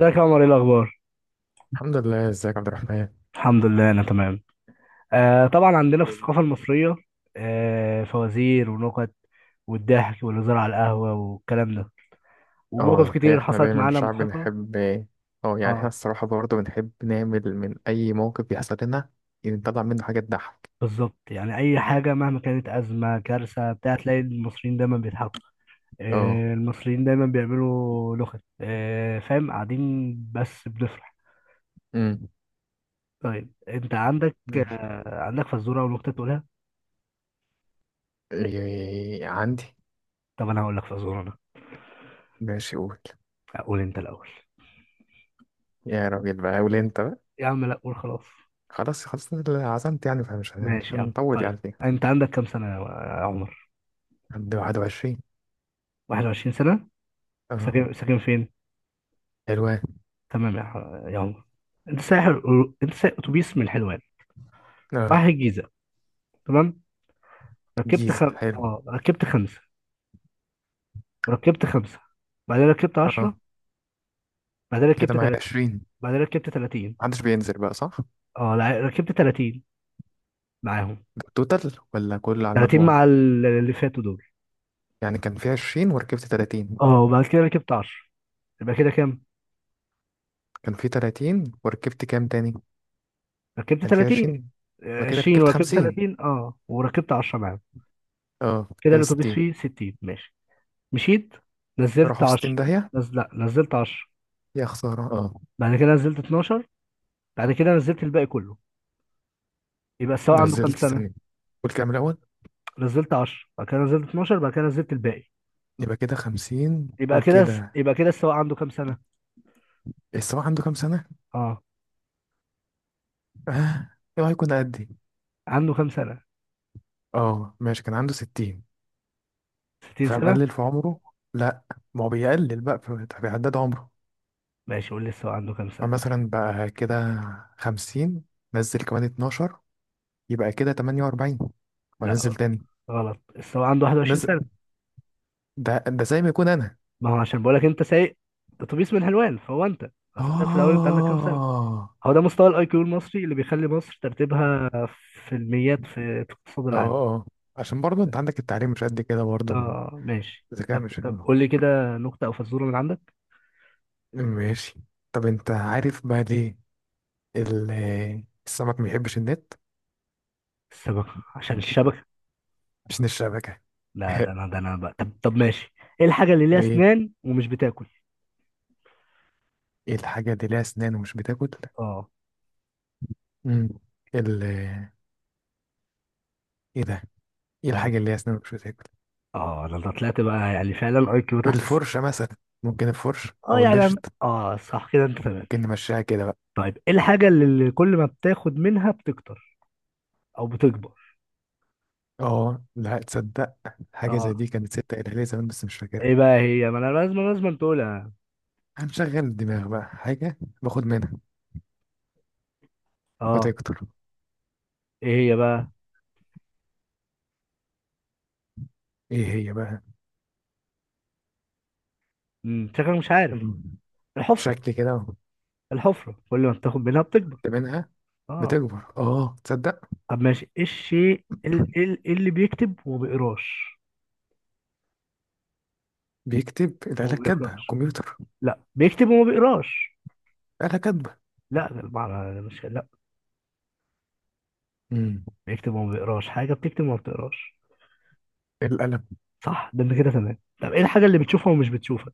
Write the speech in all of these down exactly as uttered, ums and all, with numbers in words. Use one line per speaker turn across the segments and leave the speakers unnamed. ازيك يا عمر؟ ايه الاخبار؟
الحمد لله. ازيك يا عبد الرحمن.
الحمد لله انا تمام. آه طبعا عندنا في
جامد.
الثقافه المصريه آه فوازير ونكت، والضحك والهزار على القهوه والكلام ده،
اه
ومواقف
الحقيقة
كتير
احنا
حصلت
دايما
معانا
الشعب
مضحكه.
بنحب. اه يعني احنا
اه
الصراحة برضه بنحب نعمل من أي موقف بيحصل لنا يعني نطلع منه حاجة تضحك.
بالظبط، يعني اي حاجه مهما كانت ازمه كارثه بتاع تلاقي المصريين دايما بيضحكوا.
اه
آه المصريين دايما بيعملوا نكت، آه فاهم؟ قاعدين بس بنفرح.
امم
طيب انت عندك
ماشي.
آه عندك فزوره او نكته تقولها؟
إيه، عندي.
طب انا هقول لك فزوره انا.
ماشي قول.
اقول انت الاول.
يا راجل بقى قول انت بقى.
يا عم لا، قول خلاص.
خلاص خلاص أنا اللي عزمت يعني فمش هن- مش
ماشي يا عم،
هنطول
طيب.
يعني فيه.
انت عندك كام سنة، يا يا عمر؟
عند واحد وعشرين.
واحد وعشرين سنة؟
اه،
ساكن ساكن فين؟
حلوان.
تمام، يا ح- يا عمر. انت سايح انت سايح اتوبيس من الحلوان رايح
اه،
الجيزة، تمام. ركبت
جيزة
خم...
حلو.
اه ركبت خمسة، وركبت خمسة، بعدين ركبت عشرة،
اه،
بعدين
كده
ركبت
معايا
تلاتين،
عشرين.
بعدين ركبت تلاتين.
محدش بينزل بقى صح؟
اه لا، ركبت تلاتين معاهم.
ده التوتال ولا كله على
تلاتين
المجموع؟
مع ال- اللي فاتوا دول.
يعني كان في عشرين وركبت ثلاثين.
اه وبعد كده ركبت عشرة. يبقى كده كام؟
كان في تلاتين وركبت كام تاني؟
ركبت
كان في
ثلاثين.
عشرين. يبقى كده
عشرين
ركبت
وركبت
خمسين.
ثلاثين، اه وركبت عشرة معاهم.
اه،
كده
كده
الاتوبيس
ستين.
فيه ستين، ماشي. مشيت، نزلت
راحوا في
عشرة.
ستين داهية.
نز... لا، نزلت عشرة.
يا خسارة اه.
بعد كده نزلت اتناشر. بعد كده نزلت الباقي كله. يبقى السواق عنده كام
نزلت
سنة؟
ثانية. قول كام الأول.
نزلت عشرة، بعد كده نزلت اتناشر، بعد كده نزلت الباقي.
يبقى كده خمسين
يبقى كده،
وكده.
يبقى كده السواق عنده كام سنة؟
السواق عنده كام سنة؟
اه.
اه. ايه هيكون قدي.
عنده كام سنة؟
اه ماشي، كان عنده ستين.
ستين سنة؟
فمقلل في عمره. لا، ما هو بيقلل بقى في- فبيعدد عمره.
ماشي، قول لي السواق عنده كام سنة.
فمثلا بقى كده خمسين، نزل كمان اتناشر، يبقى كده تمانية وأربعين. وانزل
لا،
تاني
غلط. السواق عنده واحد وعشرين
بس.
سنة.
ده ده زي ما يكون انا.
ما هو عشان بقول لك انت سايق اتوبيس من حلوان، فهو انت. اسالك في الاول، انت عندك كام سنة.
اه
هو ده مستوى الاي كيو المصري اللي بيخلي مصر ترتيبها في الميات، في في اقتصاد
اه
العالم.
اه عشان برضه انت عندك التعليم مش قد كده برضه.
اه ماشي،
الذكاء
طب
مش
طب
حلو.
قول لي كده نكتة أو فزورة من عندك.
ماشي. طب انت عارف بقى ليه ال- السمك ما بيحبش النت؟
السمكة عشان الشبكة.
عشان الشبكة.
لا ده أنا، ده أنا بقى. طب طب ماشي. إيه الحاجة اللي ليها
ايه.
أسنان ومش بتاكل؟
ايه الحاجة اللي ليها اسنان ومش بتاكل؟
اه
مم. ال ايه ده؟ ايه
ده
الحاجة
أنا.
اللي ليها اسنان ومش بتاكل؟
اه ده أنا طلعت بقى، يعني فعلا أي كيو تحت الصفر.
الفرشة مثلا. ممكن الفرش
اه
او
يعني أنا،
المشط.
اه صح كده، أنت تمام.
ممكن نمشيها كده بقى.
طيب إيه الحاجة اللي اللي كل ما بتاخد منها بتكتر أو بتكبر؟
اه لا تصدق. حاجة زي
اه
دي كانت ستة قالها لي زمان بس مش فاكرها.
إيه بقى هي؟ ما أنا لازم لازم تقولها يعني.
هنشغل الدماغ بقى. حاجة باخد منها
اه
فتكتر.
إيه هي بقى؟
ايه هي بقى؟
امم شكلك مش عارف.
أم،
الحفرة.
شكل كده أهو.
الحفرة كل ما بتاخد منها بتكبر،
خدت منها
اه.
بتكبر. اه تصدق.
طب ماشي، ايه الشيء ال- ال- إيه اللي بيكتب وما بيقراش؟
بيكتب الآلة
وما
كاتبة،
بيقراش.
كمبيوتر.
لا، بيكتب وما بيقراش.
آلة كاتبة.
لا ده المعنى ده، مش لا.
أمم،
بيكتب وما بيقراش، حاجه بتكتب وما بتقراش.
القلم.
صح، ده انت كده تمام. طب ايه الحاجه اللي
شوف،
بتشوفها ومش بتشوفها؟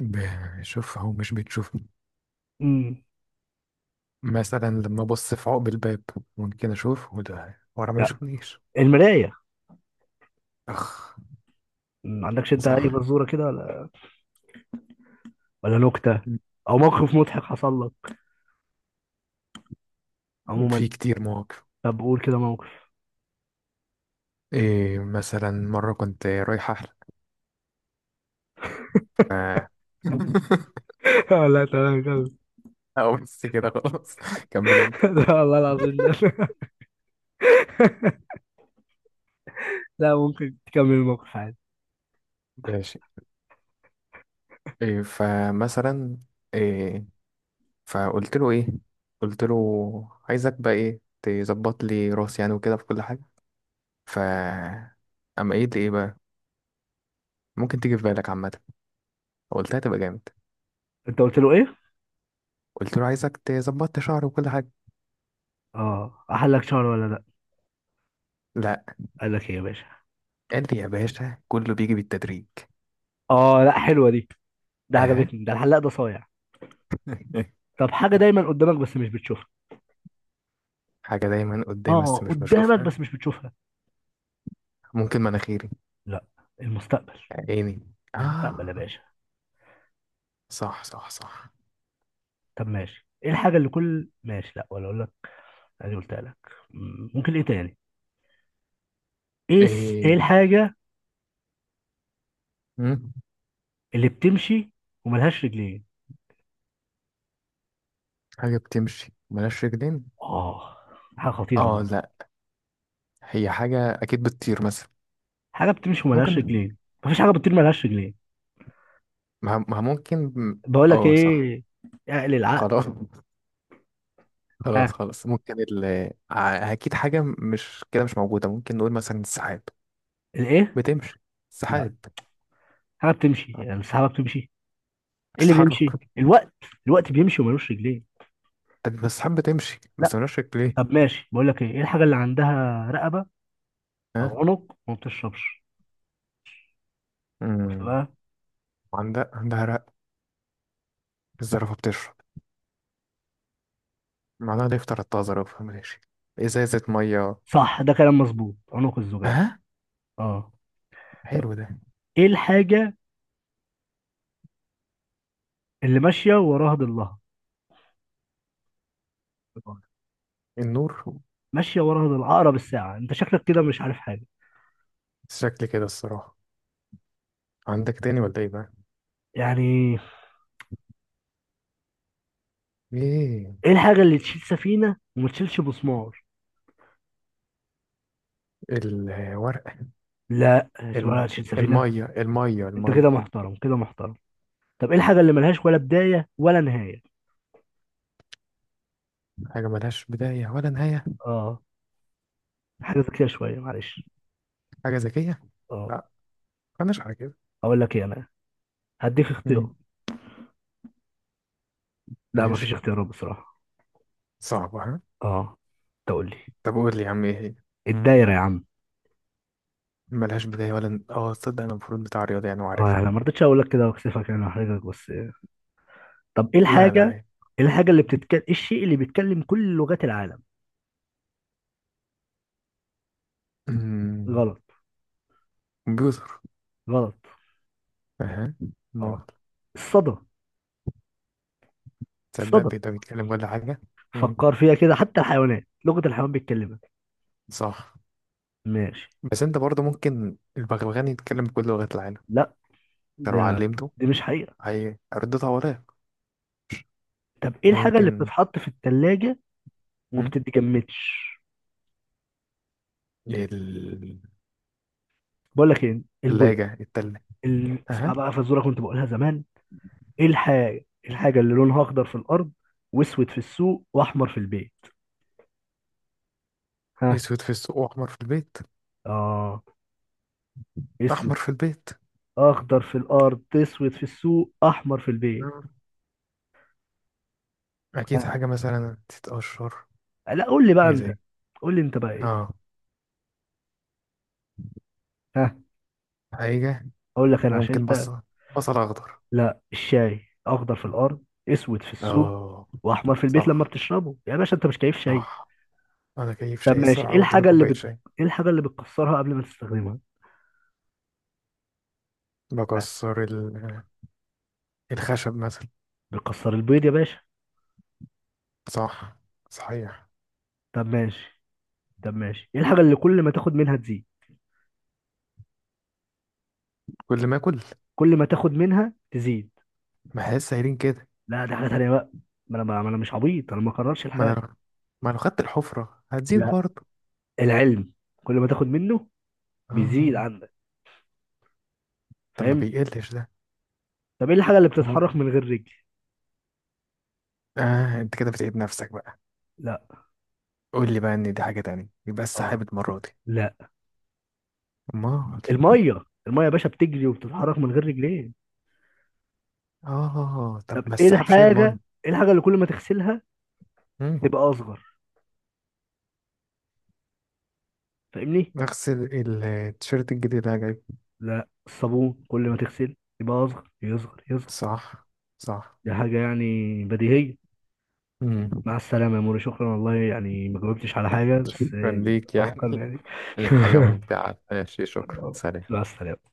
بشوف أهو مش بتشوف.
امم
مثلا لما أبص في عقب الباب ممكن أشوف وده ورا ما
لا،
يشوفنيش.
المرايه.
أخ.
ما عندكش انت اي
صح.
فزوره كده، ولا ولا نكته
أمم،
او موقف مضحك حصل لك عموما؟
في كتير مواقف.
طب قول كده موقف.
إيه مثلا مرة كنت رايح أحلق ف-
لا تمام، كمل.
أو بس كده خلاص. كمل أنت.
لا والله العظيم، لا. لا، ممكن تكمل الموقف عادي.
ماشي. إيه فمثلا. إيه. فقلت له ايه. قلت له عايزك بقى ايه، تظبط لي راسي يعني وكده في كل حاجه. ف اما ايه ايه بقى ممكن تيجي في بالك عامه قلتها تبقى جامد.
انت قلت له ايه؟
قلت له عايزك تظبط لي شعري وكل حاجه.
اه احلك شهر ولا لا؟
لا.
قال لك ايه يا باشا؟
قال لي يا باشا كله بيجي بالتدريج.
اه لا، حلوه دي. ده
اها.
عجبتني، ده الحلاق ده صايع. طب حاجه دايما قدامك بس مش بتشوفها.
حاجه دايما قدامي
اه
بس مش
قدامك
بشوفها.
بس مش بتشوفها.
ممكن مناخيري.
لا، المستقبل.
عيني
المستقبل يا
اه.
باشا.
صح صح صح.
طب ماشي، ايه الحاجه اللي كل ماشي، لا ولا اقول لك. ادي قلتها لك. مم، ممكن ايه تاني؟ ايه الس- ايه
ايه
الحاجه
مم،
اللي بتمشي وملهاش رجلين؟
حاجه بتمشي ملهاش رجلين.
اه حاجه خطيره
اه
دي.
لا، هي حاجة أكيد بتطير مثلا.
حاجه بتمشي وملهاش
ممكن.
رجلين. مفيش حاجه بتطير ملهاش رجلين.
ما ما ممكن.
بقول لك
اه صح.
ايه، اقل العقل.
خلاص خلاص
ها.
خلاص. ممكن ال ع- أكيد حاجة مش كده مش موجودة. ممكن نقول مثلا السحاب.
الايه؟
بتمشي.
لا،
السحاب
حاجه بتمشي، يعني السحابه بتمشي. ايه اللي
بتتحرك.
بيمشي؟ الوقت. الوقت بيمشي وملوش رجلين.
طب بس السحاب بتمشي بس
لا.
ملهاش رجلين.
طب ماشي، بقول لك ايه، ايه الحاجه اللي عندها رقبه
ها.
او عنق وما بتشربش؟ شفت
امم
بقى؟
عندها عندها رق الزرافة بتشرب معناها ده يفطر الطازة. زرافة ماشي. إزازة مية.
صح، ده كلام مظبوط، عنق الزجاج.
ها.
اه.
حلو ده.
ايه الحاجه اللي ماشيه وراها ضلها؟
النور.
ماشيه وراها ضلها، اقرب الساعه. انت شكلك كده مش عارف حاجه
شكل كده الصراحة. عندك تاني ولا ايه بقى؟
يعني.
ايه.
ايه الحاجه اللي تشيل سفينه وما تشيلش مسمار؟
الورق.
لا.
الم...
ولا تشيل سفينه.
المية المية
انت كده
المية.
محترم، كده محترم. طب ايه الحاجه اللي ملهاش ولا بدايه ولا نهايه؟
حاجة ملهاش بداية ولا نهاية.
اه، حاجه ذكيه شويه، معلش.
حاجة ذكية.
اه.
لا، مالناش على كده.
اقول لك ايه انا، هديك اختيار.
مم.
لا، مفيش
ماشي.
اختيارات بصراحة.
صعبة. ها،
اه تقول لي.
طب قول لي يا عم ايه هي.
الدايرة يا عم.
ملهاش بداية ولا ن- اه تصدق، انا المفروض بتاع رياضة يعني
اه
وعارفها.
يعني ما رضيتش اقول لك كده واكسفك يعني، واحرجك، بس. طب ايه
لا لا،
الحاجة،
ايه.
ايه الحاجة اللي بتتكلم، ايه الشيء اللي بيتكلم كل لغات العالم؟
مم.
غلط.
كمبيوتر.
غلط.
اها. ما
اه، الصدى.
تصدق
الصدى.
بيقدر يتكلم كل حاجة. مم.
فكر فيها كده، حتى الحيوانات لغة الحيوان بيتكلمها.
صح.
ماشي.
بس انت برضه ممكن البغبغان يتكلم بكل لغات العالم
لا
انت
ده،
لو علمته.
دي مش حقيقة.
هي ردتها وراك.
طب ايه الحاجة اللي
ممكن.
بتتحط في التلاجة وما
مم.
بتتجمدش؟
الثلاجة.
بقول لك ايه، البويض.
التلة.
ال... اسمع
اها.
بقى فزوره كنت بقولها زمان. ايه الحاجة، إيه الحاجة اللي لونها اخضر في الارض واسود في السوق واحمر في البيت؟ ها.
اسود في السوق واحمر في البيت.
اه. اسود.
احمر في البيت.
اخضر في الارض، اسود في السوق، احمر في البيت.
آه. اكيد
ها.
حاجه مثلا تتقشر.
لا قول لي بقى
حاجه
انت.
زي.
قول لي انت بقى ايه.
اه
ها.
حاجه.
اقول لك انا عشان
ممكن
انت.
بصل. بصل اخضر.
لا، الشاي. اخضر في الارض، اسود في السوق،
اه
واحمر في البيت لما
صح
بتشربه يا باشا. انت مش كيف شاي؟
صح. انا كيف
طب
شاي
ماشي، ايه
الصراحه، قدامي
الحاجة اللي
كوبايه
بت...
شاي.
ايه الحاجة اللي بتكسرها قبل ما تستخدمها؟
بكسر ال- الخشب مثلا.
بتكسر البيض يا باشا.
صح صحيح.
طب ماشي. طب ماشي ايه الحاجة اللي كل ما تاخد منها تزيد؟
كل ما اكل.
كل ما تاخد منها تزيد.
ما احس سايرين كده.
لا، دي حاجه تانيه بقى. ما انا ما انا مش عبيط انا، ما اقررش
ما انا
الحاجه.
لو- ما انا خدت الحفره هتزيد
لا،
برضه.
العلم. كل ما تاخد منه بيزيد
اه
عندك،
طب ما
فاهم.
بيقلش ده.
طب ايه الحاجه اللي
أو
بتتحرك
ممكن.
من غير رجل؟
اه انت كده بتعيد نفسك بقى.
لا.
قول لي بقى ان دي حاجة تانية، يبقى
اه.
السحاب المرة دي.
لا،
امال.
الميه. الميه يا باشا بتجري وبتتحرك من غير رجلين.
اه
طب
طب ما
ايه
السحاب شايل
الحاجه،
مية.
ايه الحاجه اللي كل ما تغسلها
مم.
تبقى اصغر، فاهمني؟
اغسل ال- التيشيرت الجديد اللي انا جايبه.
لا، الصابون. كل ما تغسل يبقى اصغر، يصغر يصغر.
صح صح.
دي حاجه يعني بديهيه.
مم.
مع السلامة يا موري، شكرا والله، يعني ما جاوبتش على حاجة بس،
شكرا ليك
أتوقع
يعني.
يعني.
كانت حاجة ممتعة. ماشي شكرا سلام.
مع السلامة.